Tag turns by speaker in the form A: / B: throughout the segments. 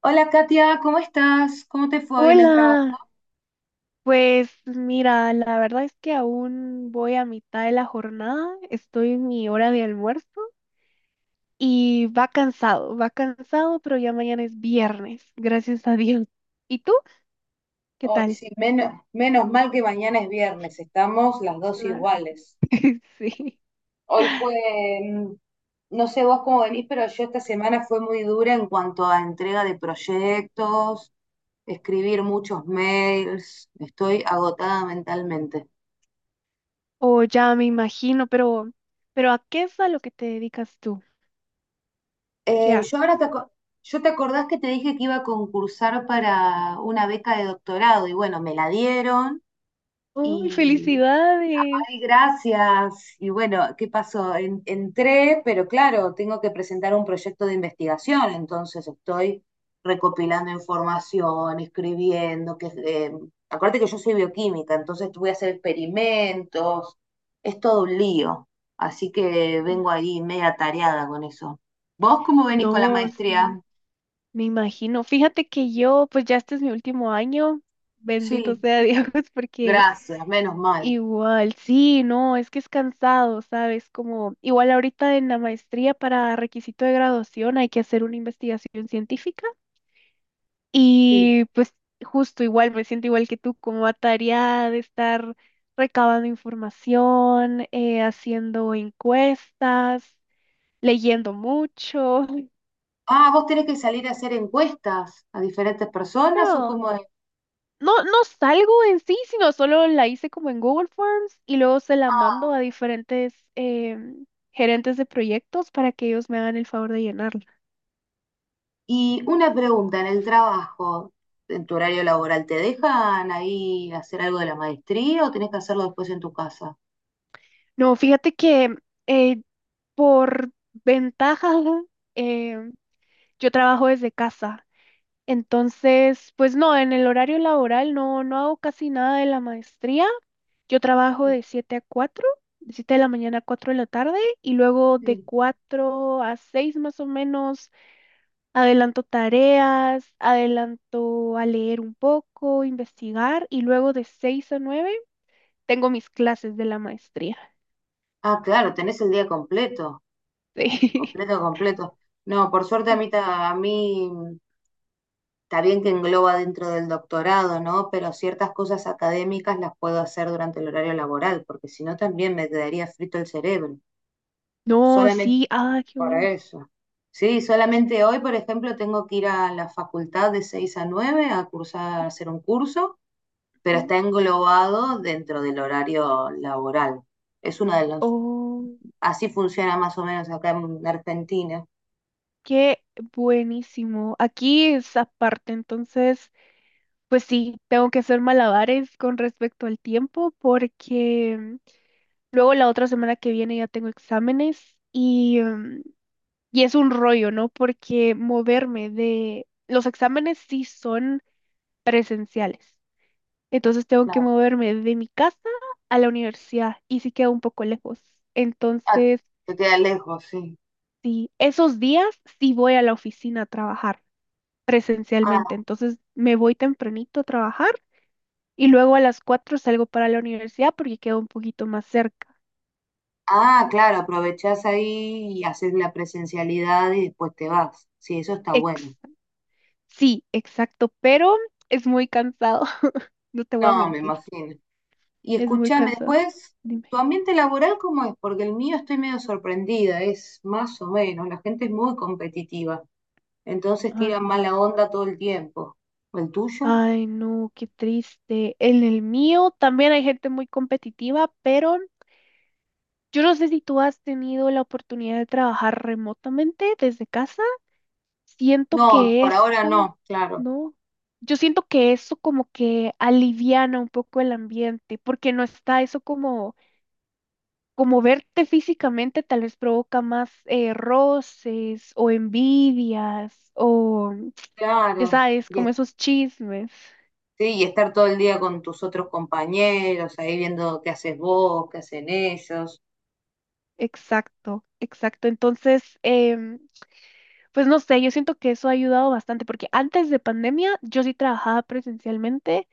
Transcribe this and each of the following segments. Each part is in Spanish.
A: Hola Katia, ¿cómo estás? ¿Cómo te fue hoy en el trabajo?
B: Hola, pues mira, la verdad es que aún voy a mitad de la jornada, estoy en mi hora de almuerzo y va cansado, pero ya mañana es viernes, gracias a Dios. ¿Y tú? ¿Qué
A: Hoy
B: tal?
A: sí, menos mal que mañana es viernes, estamos las dos
B: Claro.
A: iguales.
B: Sí.
A: Hoy fue, mm, no sé vos cómo venís, pero yo esta semana fue muy dura en cuanto a entrega de proyectos, escribir muchos mails, estoy agotada mentalmente.
B: O ya me imagino, pero ¿a qué es a lo que te dedicas tú? ¿Qué
A: Eh, yo ahora
B: haces?
A: te, aco- yo, te acordás que te dije que iba a concursar para una beca de doctorado, y bueno, me la dieron.
B: ¡Uy, felicidades!
A: Ay, gracias. Y bueno, ¿qué pasó? Entré, pero claro, tengo que presentar un proyecto de investigación, entonces estoy recopilando información, escribiendo, que acuérdate que yo soy bioquímica, entonces voy a hacer experimentos, es todo un lío, así que
B: Ya.
A: vengo ahí media atareada con eso. ¿Vos cómo venís con la
B: No,
A: maestría?
B: sí. Me imagino. Fíjate que yo, pues ya este es mi último año, bendito
A: Sí,
B: sea Dios, porque
A: gracias, menos mal.
B: igual, sí, no, es que es cansado, ¿sabes? Como igual ahorita en la maestría para requisito de graduación hay que hacer una investigación científica
A: Sí.
B: y pues justo igual, me siento igual que tú, como atareada de estar recabando información, haciendo encuestas, leyendo mucho.
A: Ah, ¿vos tenés que salir a hacer encuestas a diferentes personas o
B: No.
A: cómo es?
B: No, no salgo en sí, sino solo la hice como en Google Forms y luego se la
A: Ah.
B: mando a diferentes gerentes de proyectos para que ellos me hagan el favor de llenarla.
A: Y una pregunta, en el trabajo, en tu horario laboral, ¿te dejan ahí hacer algo de la maestría o tenés que hacerlo después en tu casa?
B: No, fíjate que eh, por ventaja em, yo trabajo desde casa. Entonces, pues no, en el horario laboral no, no hago casi nada de la maestría. Yo trabajo de 7 a 4, de 7 de la mañana a 4 de la tarde, y luego de
A: Sí.
B: 4 a 6 más o menos adelanto tareas, adelanto a leer un poco, investigar y luego de 6 a 9 tengo mis clases de la maestría.
A: Ah, claro, tenés el día completo,
B: Sí.
A: completo, completo. No, por suerte a mí, está bien que engloba dentro del doctorado, ¿no? Pero ciertas cosas académicas las puedo hacer durante el horario laboral, porque si no también me quedaría frito el cerebro.
B: No,
A: Solamente.
B: sí, ah, qué
A: Por
B: bueno.
A: eso. Sí, solamente hoy, por ejemplo, tengo que ir a la facultad de 6 a 9 a cursar, a hacer un curso, pero
B: Ujú.
A: está englobado dentro del horario laboral. Es uno de los,
B: Oh,
A: así funciona más o menos acá en Argentina.
B: qué buenísimo. Aquí es aparte, entonces, pues sí, tengo que hacer malabares con respecto al tiempo porque luego la otra semana que viene ya tengo exámenes. Y es un rollo, ¿no? Los exámenes sí son presenciales. Entonces tengo que
A: Claro.
B: moverme de mi casa a la universidad y sí queda un poco lejos.
A: Ah,
B: Entonces,
A: te queda lejos, sí.
B: sí, esos días sí voy a la oficina a trabajar presencialmente.
A: Ah,
B: Entonces me voy tempranito a trabajar y luego a las 4 salgo para la universidad porque queda un poquito más cerca.
A: ah, claro, aprovechás ahí y haces la presencialidad y después te vas. Sí, eso está bueno.
B: Ex- sí, exacto, pero es muy cansado. No te voy a
A: No, me
B: mentir,
A: imagino. Y
B: es muy
A: escúchame,
B: cansado.
A: después,
B: Dime.
A: ¿tu ambiente laboral cómo es? Porque el mío, estoy medio sorprendida, es más o menos, la gente es muy competitiva, entonces tiran mala onda todo el tiempo. ¿El tuyo?
B: Ay, no, qué triste. En el mío también hay gente muy competitiva, pero yo no sé si tú has tenido la oportunidad de trabajar remotamente desde casa. Siento
A: No,
B: que
A: por ahora
B: eso,
A: no, claro,
B: ¿no? Yo siento que eso como que aliviana un poco el ambiente, porque no está eso como, como verte físicamente tal vez provoca más roces o envidias o, ya
A: claro.
B: sabes,
A: Y,
B: como
A: es-
B: esos chismes.
A: sí, y estar todo el día con tus otros compañeros, ahí viendo qué haces vos, qué hacen ellos.
B: Exacto, exacto. Entonces, pues no sé, yo siento que eso ha ayudado bastante porque antes de pandemia yo sí trabajaba presencialmente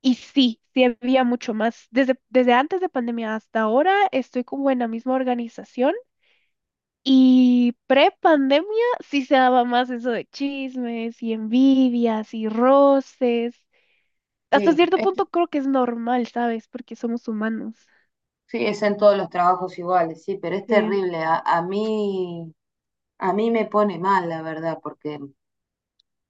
B: y sí, sí había mucho más. Desde antes de pandemia hasta ahora estoy como en la misma organización, y pre-pandemia sí se daba más eso de chismes y envidias y roces. Hasta
A: Sí,
B: cierto punto
A: este-
B: creo que es normal, ¿sabes? Porque somos humanos.
A: sí, es en todos los trabajos iguales, sí, pero es
B: Sí.
A: terrible. A mí me pone mal, la verdad, porque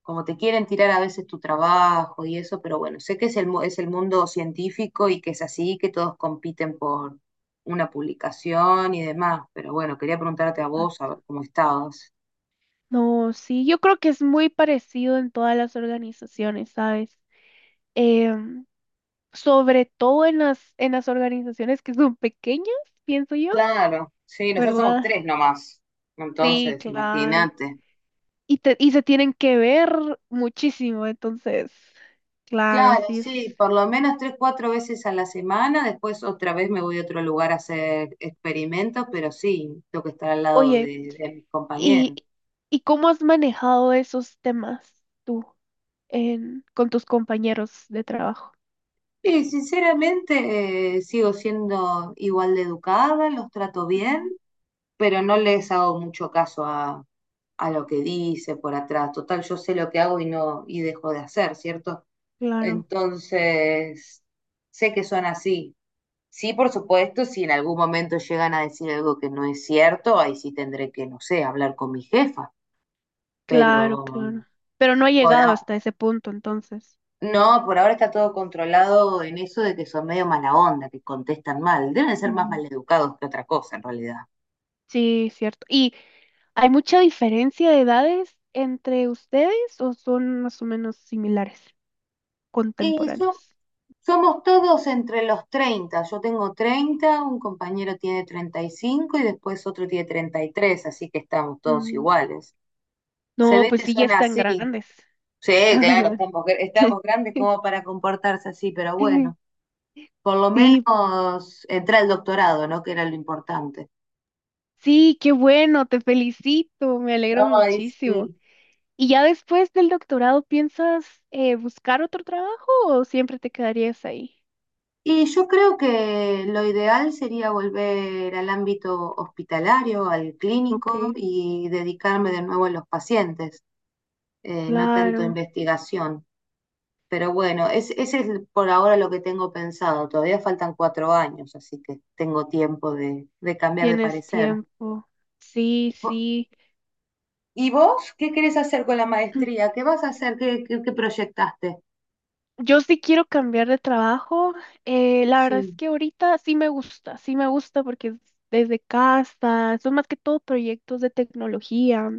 A: como te quieren tirar a veces tu trabajo y eso, pero bueno, sé que es es el mundo científico y que es así, que todos compiten por una publicación y demás, pero bueno, quería preguntarte a vos, a ver cómo estabas.
B: No, sí, yo creo que es muy parecido en todas las organizaciones, ¿sabes? Em, sobre todo en las organizaciones que son pequeñas, pienso yo,
A: Claro, sí, nosotros somos
B: ¿verdad?
A: tres nomás.
B: Sí,
A: Entonces,
B: claro.
A: imagínate.
B: Y, y se tienen que ver muchísimo, entonces, claro,
A: Claro,
B: así es.
A: sí, por lo menos tres, cuatro veces a la semana, después otra vez me voy a otro lugar a hacer experimentos, pero sí, tengo que estar al lado
B: Oye,
A: de mis
B: ¿y,
A: compañeros.
B: y cómo has manejado esos temas tú con tus compañeros de trabajo?
A: Y sinceramente sigo siendo igual de educada, los trato bien,
B: Ujú.
A: pero no les hago mucho caso a lo que dice por atrás. Total, yo sé lo que hago y no, y dejo de hacer, ¿cierto?
B: Claro,
A: Entonces, sé que son así. Sí, por supuesto, si en algún momento llegan a decir algo que no es cierto, ahí sí tendré que, no sé, hablar con mi jefa.
B: claro,
A: Pero
B: claro. Pero no ha
A: por,
B: llegado
A: a-
B: hasta ese punto, entonces.
A: no, por ahora está todo controlado en eso de que son medio mala onda, que contestan mal. Deben ser más
B: Ujú.
A: maleducados que otra cosa en realidad.
B: Sí, cierto. ¿Y hay mucha diferencia de edades entre ustedes o son más o menos similares,
A: Y so-
B: contemporáneos?
A: Somos todos entre los 30. Yo tengo 30, un compañero tiene 35 y después otro tiene 33. Así que estamos todos
B: Mm,
A: iguales. Se
B: No,
A: ve
B: pues
A: que
B: sí, ya
A: son
B: están
A: así.
B: grandes.
A: Sí, claro,
B: Ajá.
A: estamos grandes como para comportarse así, pero bueno, por lo
B: Sí,
A: menos entré al doctorado, ¿no? Que era lo importante.
B: sí, qué bueno, te felicito, me alegro
A: Ay,
B: muchísimo.
A: sí.
B: ¿Y ya después del doctorado piensas buscar otro trabajo o siempre te quedarías ahí?
A: Y yo creo que lo ideal sería volver al ámbito hospitalario, al
B: Ok,
A: clínico y dedicarme de nuevo a los pacientes, no tanto
B: claro,
A: investigación. Pero bueno, ese es por ahora lo que tengo pensado. Todavía faltan 4 años, así que tengo tiempo de cambiar de
B: tienes
A: parecer.
B: tiempo.
A: ¿Y
B: Sí,
A: vo-
B: sí.
A: y vos qué querés hacer con la maestría? ¿Qué vas a hacer? ¿ Qué proyectaste?
B: Yo sí quiero cambiar de trabajo. La verdad es
A: Sí,
B: que ahorita sí me gusta porque es desde casa, son más que todo proyectos de tecnología.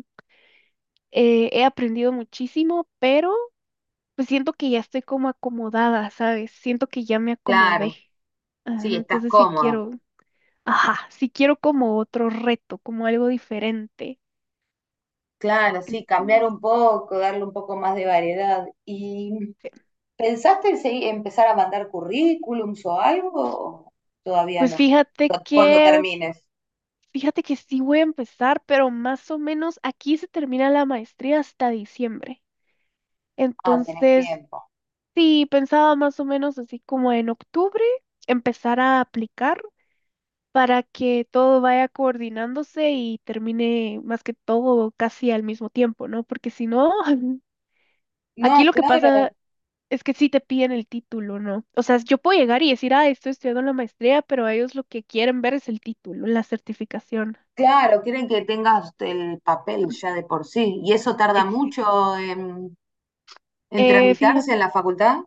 B: He aprendido muchísimo, pero pues siento que ya estoy como acomodada, ¿sabes? Siento que ya me acomodé.
A: claro.
B: Ah,
A: Sí, estás
B: entonces sí
A: cómoda.
B: quiero, ajá, sí quiero como otro reto, como algo diferente.
A: Claro, sí, cambiar
B: Entonces,
A: un poco, darle un poco más de variedad. ¿Y pensaste en empezar a mandar currículums o algo? O todavía
B: pues
A: no.
B: fíjate
A: Cuando
B: que
A: termines.
B: Fíjate que sí voy a empezar, pero más o menos aquí se termina la maestría hasta diciembre.
A: Ah, tenés
B: Entonces,
A: tiempo.
B: sí, pensaba más o menos así como en octubre empezar a aplicar para que todo vaya coordinándose y termine más que todo casi al mismo tiempo, ¿no? Porque si no,
A: No,
B: aquí lo que pasa
A: claro,
B: es que sí te piden el título, ¿no? O sea, yo puedo llegar y decir, ah, estoy estudiando la maestría, pero ellos lo que quieren ver es el título, la certificación.
A: claro, quieren que tengas el papel ya de por sí. ¿Y eso tarda
B: Exacto.
A: mucho en
B: Eh, fíjate
A: tramitarse en la facultad?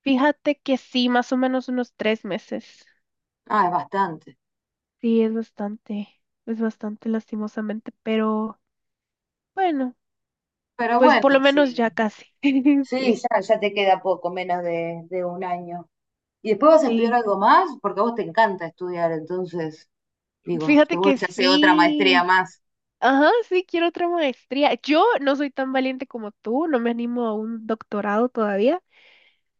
B: Fíjate que sí, más o menos unos 3 meses.
A: Ah, es bastante.
B: Sí, es bastante lastimosamente, pero bueno,
A: Pero
B: pues
A: bueno,
B: por lo menos
A: sí,
B: ya casi.
A: sí,
B: Sí,
A: ya, ya te queda poco, menos de 1 año. ¿Y después vas a estudiar
B: sí.
A: algo más? Porque a vos te encanta estudiar, entonces, digo,
B: Fíjate
A: seguro
B: que
A: se hace otra maestría
B: sí.
A: más.
B: Ajá, sí, quiero otra maestría. Yo no soy tan valiente como tú, no me animo a un doctorado todavía,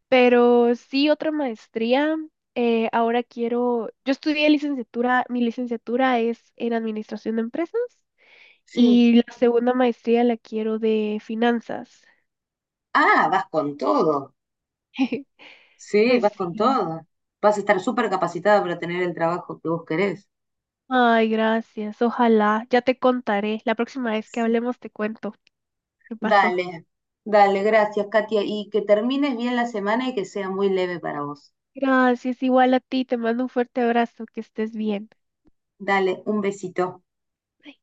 B: pero sí otra maestría. Ahora quiero, yo estudié licenciatura, mi licenciatura es en administración de empresas.
A: Sí.
B: Y la segunda maestría la quiero de finanzas.
A: Ah, vas con todo. Sí,
B: Pues
A: vas con
B: sí.
A: todo. Vas a estar súper capacitada para tener el trabajo que vos querés.
B: Ay, gracias. Ojalá. Ya te contaré. La próxima vez que
A: Sí.
B: hablemos te cuento qué pasó.
A: Dale, dale, gracias, Katia. Y que termines bien la semana y que sea muy leve para vos.
B: Gracias. Igual a ti. Te mando un fuerte abrazo. Que estés bien.
A: Dale, un besito.
B: Bye.